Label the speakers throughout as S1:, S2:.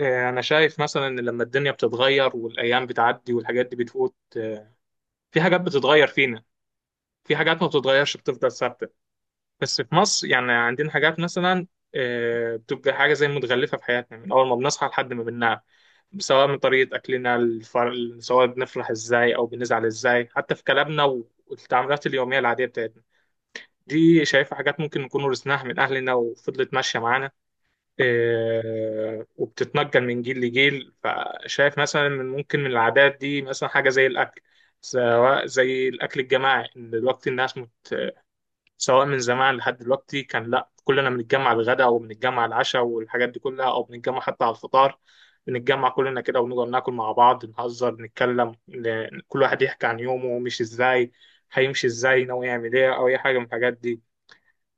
S1: أنا شايف مثلا إن لما الدنيا بتتغير والأيام بتعدي والحاجات دي بتفوت، في حاجات بتتغير فينا، في حاجات ما بتتغيرش بتفضل ثابتة. بس في مصر يعني عندنا حاجات مثلا بتبقى حاجة زي متغلفة في حياتنا من أول ما بنصحى لحد ما بننام، سواء من طريقة أكلنا سواء بنفرح إزاي أو بنزعل إزاي، حتى في كلامنا والتعاملات اليومية العادية بتاعتنا. دي شايفة حاجات ممكن نكون ورثناها من أهلنا وفضلت ماشية معانا، وبتتنقل من جيل لجيل. فشايف مثلا من ممكن من العادات دي مثلا حاجة زي الأكل، سواء زي الأكل الجماعي إن دلوقتي الناس سواء من زمان لحد دلوقتي كان لأ كلنا بنتجمع الغداء وبنتجمع العشاء والحاجات دي كلها، أو بنتجمع حتى على الفطار. بنتجمع كلنا كده ونقعد ناكل مع بعض، نهزر نتكلم، كل واحد يحكي عن يومه مش إزاي هيمشي، إزاي ناوي يعمل إيه، أو أي حاجة من الحاجات دي.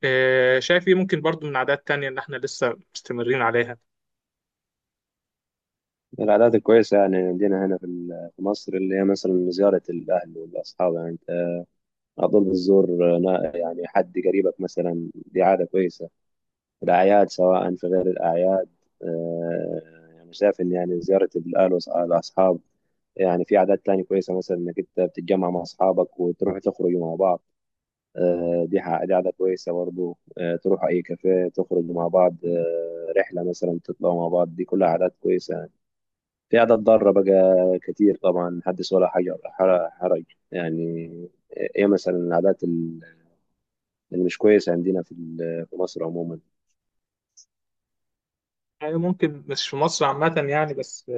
S1: شايف إيه ممكن برضو من عادات تانية إن إحنا لسه مستمرين عليها.
S2: من العادات الكويسة، يعني عندنا هنا في مصر، اللي هي مثلا زيارة الأهل والأصحاب. يعني أنت على طول بتزور يعني حد قريبك مثلا، دي عادة كويسة. الأعياد سواء في غير الأعياد. آه، يعني شايف إن، يعني زيارة الأهل والأصحاب، يعني في عادات تانية كويسة، مثلا إنك أنت بتتجمع مع أصحابك وتروح تخرجوا مع بعض. دي عادة كويسة برضه. تروحوا أي كافيه تخرجوا مع بعض، رحلة مثلا تطلعوا مع بعض، دي كلها عادات كويسة. في قاعد اتدرب بقى كتير طبعا، محدش ولا حاجة حرج يعني. ايه مثلا العادات اللي مش كويسة عندنا في مصر عموما؟
S1: يعني ممكن مش في مصر عامة يعني، بس في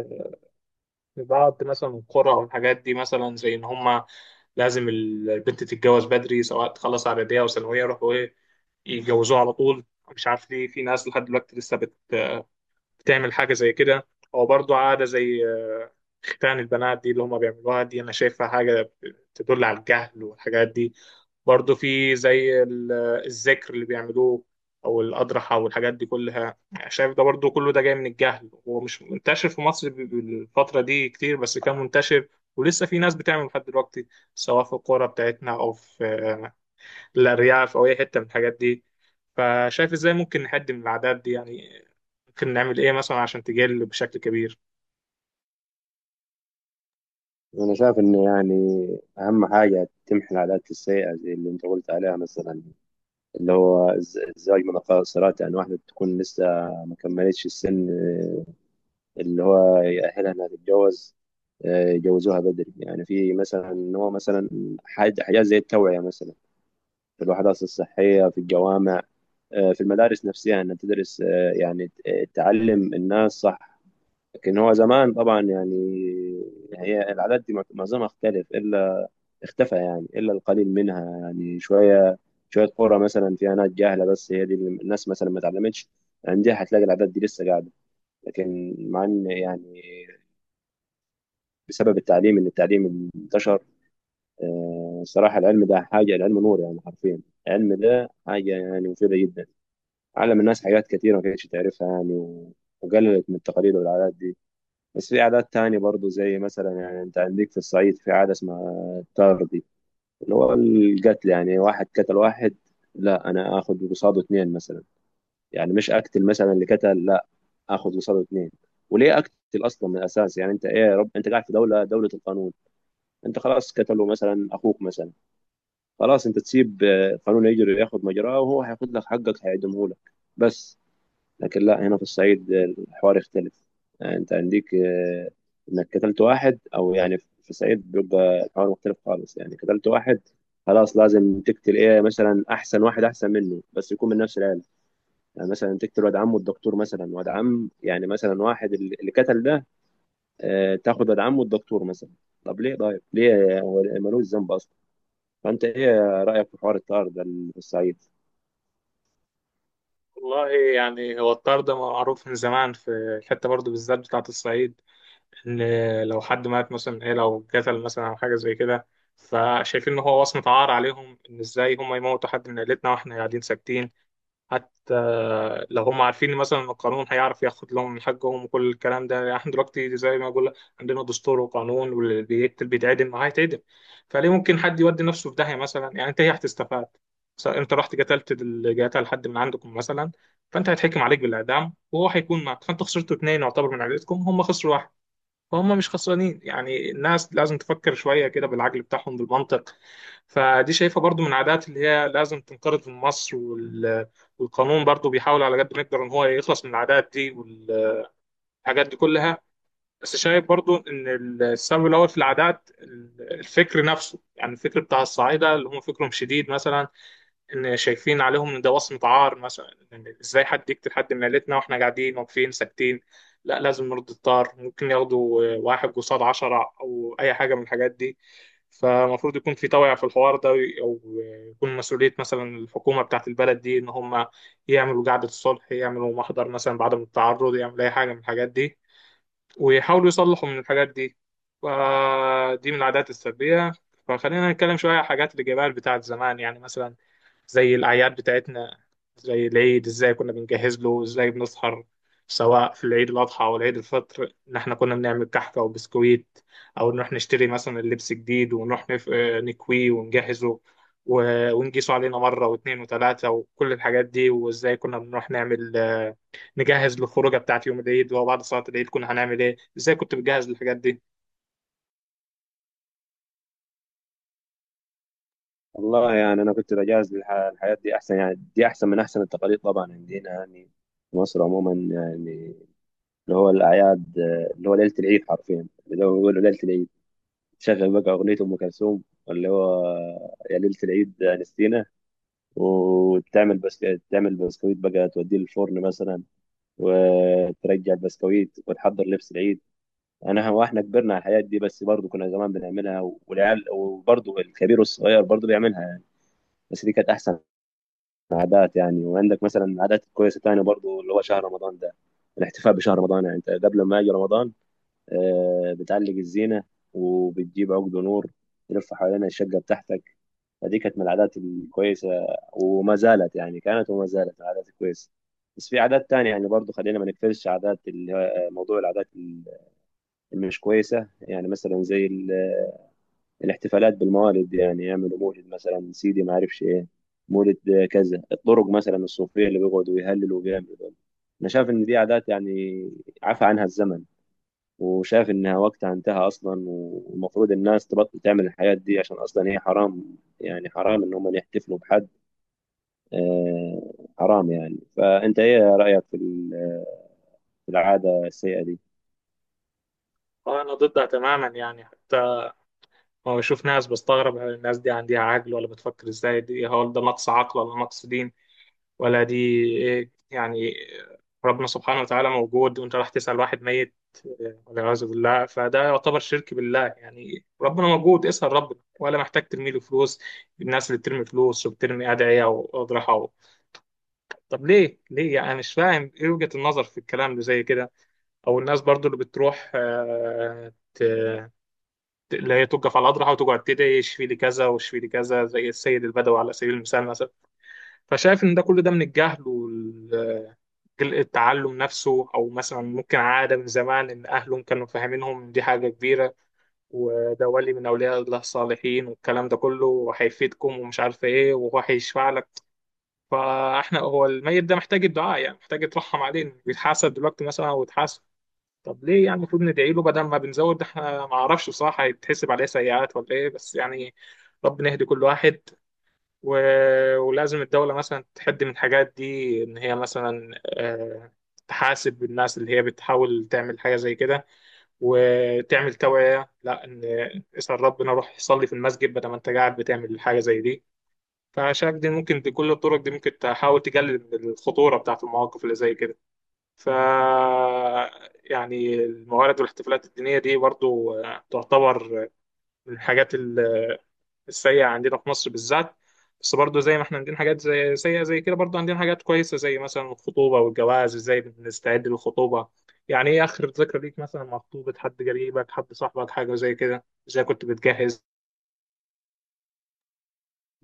S1: بعض مثلا القرى أو الحاجات دي، مثلا زي إن هما لازم البنت تتجوز بدري، سواء تخلص إعدادية أو ثانوية يروحوا إيه يتجوزوها على طول. مش عارف ليه في ناس لحد دلوقتي لسه تعمل حاجة زي كده. أو برضو عادة زي ختان البنات دي اللي هما بيعملوها، دي أنا شايفها حاجة تدل على الجهل والحاجات دي. برضو في زي ال- آه، الذكر اللي بيعملوه، أو الأضرحة والحاجات دي كلها. شايف ده برضو كله ده جاي من الجهل، ومش منتشر في مصر بالفترة دي كتير، بس كان منتشر ولسه في ناس بتعمل لحد دلوقتي، سواء في القرى بتاعتنا أو في الأرياف أو أي حتة من الحاجات دي. فشايف ازاي ممكن نحد من العادات دي يعني، ممكن نعمل إيه مثلا عشان تقل بشكل كبير.
S2: انا شايف ان، يعني، اهم حاجة تمحي العادات السيئة زي اللي انت قلت عليها مثلا، اللي هو الزواج من قاصرات. يعني واحدة تكون لسه ما كملتش السن اللي هو يأهلها انها تتجوز، يجوزوها بدري. يعني في مثلا ان هو مثلا حاجة حاجات زي التوعية، مثلا في الوحدات الصحية، في الجوامع، في المدارس نفسها انها تدرس، تعلم الناس صح. لكن هو زمان طبعا، يعني هي العادات دي معظمها اختلف الا اختفى، يعني الا القليل منها، يعني شويه شويه قرى مثلا فيها ناس جاهله، بس هي دي اللي الناس مثلا ما اتعلمتش عندها هتلاقي العادات دي لسه قاعده. لكن مع ان، يعني بسبب التعليم، ان التعليم انتشر. صراحه العلم ده حاجه، العلم نور يعني حرفيا. العلم ده حاجه يعني مفيده جدا، علم الناس حاجات كتيرة ما كانتش تعرفها يعني، وقللت من التقاليد والعادات دي. بس في عادات تانية برضو، زي مثلا، يعني انت عندك في الصعيد في عادة اسمها التارضي، اللي هو القتل. يعني واحد قتل واحد، لا، انا اخد قصاده اتنين مثلا. يعني مش اقتل مثلا اللي قتل، لا، اخد قصاده اتنين. وليه اقتل اصلا من الاساس؟ يعني انت ايه يا رب، انت قاعد في دوله القانون. انت خلاص قتلوا مثلا اخوك مثلا، خلاص انت تسيب القانون يجري ياخد مجراه، وهو هياخد لك حقك، هيعدمه لك بس. لكن لا، هنا في الصعيد الحوار يختلف. يعني انت عندك انك قتلت واحد، او يعني في الصعيد بيبقى الحوار مختلف خالص. يعني قتلت واحد، خلاص لازم تقتل، ايه مثلا، احسن واحد احسن منه بس يكون من نفس العيله. يعني مثلا تقتل واد عمه الدكتور مثلا، واد عم يعني مثلا واحد اللي قتل ده، تاخد واد عمه الدكتور مثلا. طب ليه، طيب ليه، هو ملوش ذنب اصلا. فانت ايه رايك في حوار الطار ده اللي في الصعيد؟
S1: والله يعني هو الطرد معروف من زمان في الحتة برضو بالذات بتاعة الصعيد. إن لو حد مات مثلا، إيه، لو قتل مثلا أو حاجة زي كده، فشايفين إن هو وصمة عار عليهم، إن إزاي هم يموتوا حد من عيلتنا وإحنا قاعدين ساكتين. حتى لو هم عارفين مثلا ان القانون هيعرف ياخد لهم من حقهم وكل الكلام ده. يعني احنا دلوقتي زي ما بقول لك، عندنا دستور وقانون، واللي بيقتل بيتعدم ما هيتعدم. فليه ممكن حد يودي نفسه في داهيه مثلا، يعني انت ايه هتستفاد؟ انت رحت قتل حد من عندكم مثلا، فانت هيتحكم عليك بالاعدام وهو هيكون معك، فانت خسرتوا اتنين يعتبر من عائلتكم، هم خسروا واحد، فهم مش خسرانين. يعني الناس لازم تفكر شوية كده بالعقل بتاعهم بالمنطق. فدي شايفة برضو من العادات اللي هي لازم تنقرض من مصر والقانون برضو بيحاول على قد ما يقدر ان هو يخلص من العادات دي والحاجات دي كلها. بس شايف برضو ان السبب الاول في العادات الفكر نفسه، يعني الفكر بتاع الصعايدة اللي هم فكرهم شديد مثلا، ان شايفين عليهم ان ده وصمة عار مثلا، إن ازاي حد يقتل حد من عيلتنا واحنا قاعدين واقفين ساكتين. لا لازم نرد الطار، ممكن ياخدوا واحد قصاد عشرة او اي حاجة من الحاجات دي. فالمفروض يكون في توعية في الحوار ده، او يكون مسؤولية مثلا الحكومة بتاعة البلد دي ان هم يعملوا قعدة الصلح، يعملوا محضر مثلا بعدم التعرض، يعملوا اي حاجة من الحاجات دي، ويحاولوا يصلحوا من الحاجات دي. فدي من العادات السلبية. فخلينا نتكلم شوية عن الحاجات الإيجابية بتاعت زمان، يعني مثلا زي الأعياد بتاعتنا، زي العيد إزاي كنا بنجهز له، إزاي بنسهر، سواء في العيد الأضحى أو العيد الفطر، إن إحنا كنا بنعمل كحكة وبسكويت، أو نروح نشتري مثلا اللبس جديد ونروح نف... آه، نكويه ونجهزه و... ونقيسه علينا مرة واتنين وتلاتة وكل الحاجات دي. وإزاي كنا بنروح نعمل نجهز للخروجة بتاعت يوم العيد، وبعد صلاة العيد كنا هنعمل إيه، إزاي كنت بتجهز للحاجات دي؟
S2: والله، يعني انا كنت بجهز الحياة دي احسن، يعني دي احسن من احسن التقاليد طبعا عندنا، يعني في مصر عموما، يعني اللي هو الاعياد. اللي هو ليلة العيد حرفيا، اللي هو بيقولوا ليلة العيد، شغل بقى اغنية ام كلثوم، اللي هو "يا ليلة العيد يا نستينا". وتعمل، بس تعمل بسكويت بقى، توديه للفرن مثلا، وترجع البسكويت وتحضر لبس العيد. انا واحنا كبرنا على الحياة دي، بس برضه كنا زمان بنعملها، والعيال وبرضه الكبير والصغير برضه بيعملها يعني. بس دي كانت احسن عادات يعني. وعندك مثلا عادات كويسه تانية برضو، اللي هو شهر رمضان ده، الاحتفاء بشهر رمضان. يعني انت قبل ما يجي رمضان بتعلق الزينه، وبتجيب عقد نور تلف حوالين الشقه بتاعتك. فدي كانت من العادات الكويسه وما زالت، يعني كانت وما زالت العادات الكويسه. بس في عادات تانية يعني، برضو خلينا ما نقفلش عادات موضوع العادات اللي مش كويسه. يعني مثلا زي الاحتفالات بالموالد، يعني يعملوا مولد مثلا سيدي ما اعرفش ايه، مولد كذا. الطرق مثلا الصوفيه اللي بيقعدوا يهللوا وبيعملوا دول، انا شايف ان دي عادات يعني عفى عنها الزمن. وشايف انها وقتها انتهى اصلا، والمفروض الناس تبطل تعمل الحاجات دي عشان اصلا هي حرام. يعني حرام ان هم يحتفلوا بحد، آه حرام يعني. فانت ايه رايك في العاده السيئه دي؟
S1: أنا ضدها تماما يعني، ما بشوف ناس بستغرب، هل الناس دي عندها عقل ولا بتفكر ازاي؟ دي هل ده نقص عقل ولا نقص دين، ولا دي ايه يعني؟ ربنا سبحانه وتعالى موجود، وانت راح تسأل واحد ميت، والعياذ بالله. فده يعتبر شرك بالله، يعني ربنا موجود، اسأل ربنا، ولا محتاج ترمي له فلوس. الناس اللي بترمي فلوس وبترمي أدعية وأضرحة طب ليه؟ ليه يعني؟ أنا مش فاهم ايه وجهة النظر في الكلام اللي زي كده. او الناس برضو اللي بتروح اللي هي توقف على الاضرحه وتقعد تدعي اشفي لي كذا واشفي لي كذا، زي السيد البدوي على سبيل المثال مثلا. فشايف ان ده كل ده من الجهل التعلم نفسه، او مثلا ممكن عاده من زمان ان اهلهم كانوا فاهمينهم إن دي حاجه كبيره وده ولي من اولياء الله الصالحين، والكلام ده كله هيفيدكم ومش عارف ايه وهو هيشفع لك. فاحنا هو الميت ده محتاج الدعاء يعني، محتاج يترحم عليه، بيتحاسب دلوقتي مثلا او يتحاسب. طب ليه يعني؟ المفروض ندعي له بدل ما بنزود. ده احنا ما اعرفش بصراحه هيتحسب عليه سيئات ولا ايه، بس يعني ربنا يهدي كل واحد و... ولازم الدوله مثلا تحد من الحاجات دي، ان هي مثلا تحاسب الناس اللي هي بتحاول تعمل حاجه زي كده، وتعمل توعيه، لا ان اسال ربنا، روح صلي في المسجد بدل ما انت قاعد بتعمل حاجه زي دي. فشايف دي ممكن بكل الطرق دي ممكن تحاول تقلل من الخطوره بتاعت المواقف اللي زي كده. ف يعني الموارد والاحتفالات الدينية دي برضو تعتبر من الحاجات السيئة عندنا في مصر بالذات. بس برضو زي ما احنا عندنا حاجات زي سيئة زي كده، برضو عندنا حاجات كويسة زي مثلا الخطوبة والجواز، ازاي بنستعد للخطوبة؟ يعني ايه آخر ذكرى ليك مثلا مع خطوبة حد قريبك، حد صاحبك، حاجة زي كده، ازاي كنت بتجهز؟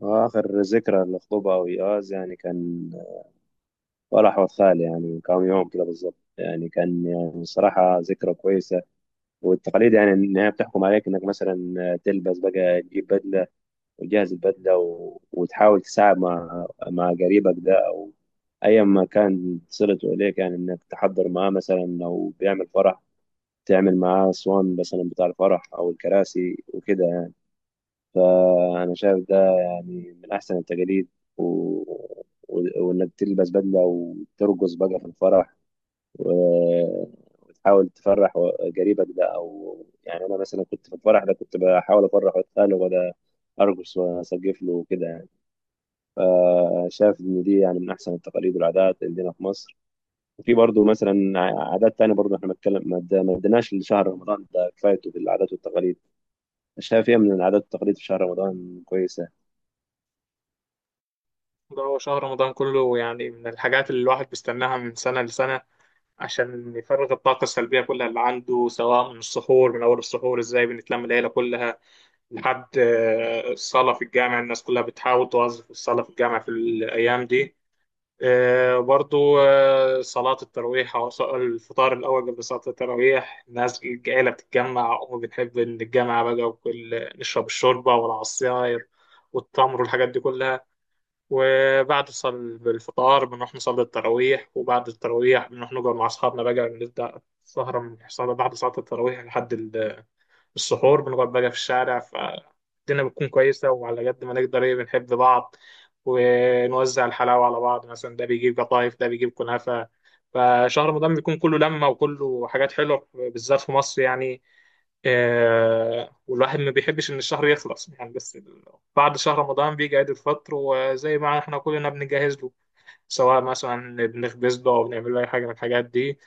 S2: واخر ذكرى للخطوبه او ايقاظ، يعني كان فرح واد خالي، يعني من كام يوم كده بالظبط. يعني كان، يعني الصراحة ذكرى كويسة. والتقاليد يعني إن هي بتحكم عليك إنك مثلا تلبس بقى، تجيب بدلة وتجهز البدلة، وتحاول تساعد مع قريبك ده أو أيا ما كان صلته إليك. يعني إنك تحضر معاه، مثلا لو بيعمل فرح تعمل معاه أسوان مثلا بتاع الفرح أو الكراسي وكده يعني. فأنا شايف ده يعني من أحسن التقاليد. و... وإنك تلبس بدلة وترقص بقى في الفرح، و- وتحاول تفرح، قريبك ده، او يعني انا مثلا كنت في الفرح ده، كنت بحاول افرح واتقاله، وده ارقص واسقف له وكده يعني. فشايف ان دي يعني من احسن التقاليد والعادات اللي عندنا في مصر. وفي برضه مثلا عادات تانية، برضه احنا بنتكلم، ما اديناش لشهر رمضان ده كفايته في العادات والتقاليد. شايف ايه من العادات والتقاليد في شهر رمضان كويسة؟
S1: ده هو شهر رمضان كله يعني من الحاجات اللي الواحد بيستناها من سنة لسنة، عشان يفرغ الطاقة السلبية كلها اللي عنده، سواء من السحور، من أول السحور إزاي بنتلم العيلة كلها لحد الصلاة في الجامع، الناس كلها بتحاول توظف الصلاة في الجامع في الأيام دي. برضو صلاة التراويح، أو الفطار الأول قبل صلاة التراويح الناس العيلة بتتجمع، وبنحب نتجمع بقى، وكل نشرب الشوربة والعصاير والتمر والحاجات دي كلها. وبعد الفطار بنروح نصلي التراويح، وبعد التراويح بنروح نقعد مع أصحابنا بقى، بنبدأ السهرة من السهرة بعد صلاة التراويح لحد السحور، بنقعد بقى في الشارع. فالدنيا بتكون كويسة، وعلى قد ما نقدر إيه بنحب بعض، ونوزع الحلاوة على بعض، مثلا ده بيجيب قطايف ده بيجيب كنافة. فشهر رمضان بيكون كله لمة وكله حاجات حلوة بالذات في مصر يعني. والواحد ما بيحبش ان الشهر يخلص يعني. بعد شهر رمضان بيجي عيد الفطر، وزي ما احنا كلنا بنجهز له، سواء مثلا بنخبز له او بنعمل له اي حاجه من الحاجات دي.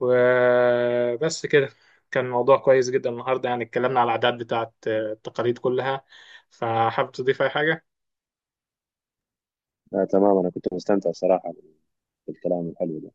S1: وبس كده. كان موضوع كويس جدا النهارده يعني، اتكلمنا على الاعداد بتاعت التقاليد كلها. فحابب تضيف اي حاجه؟
S2: آه، تمام. انا كنت مستمتع صراحة بالكلام الحلو ده.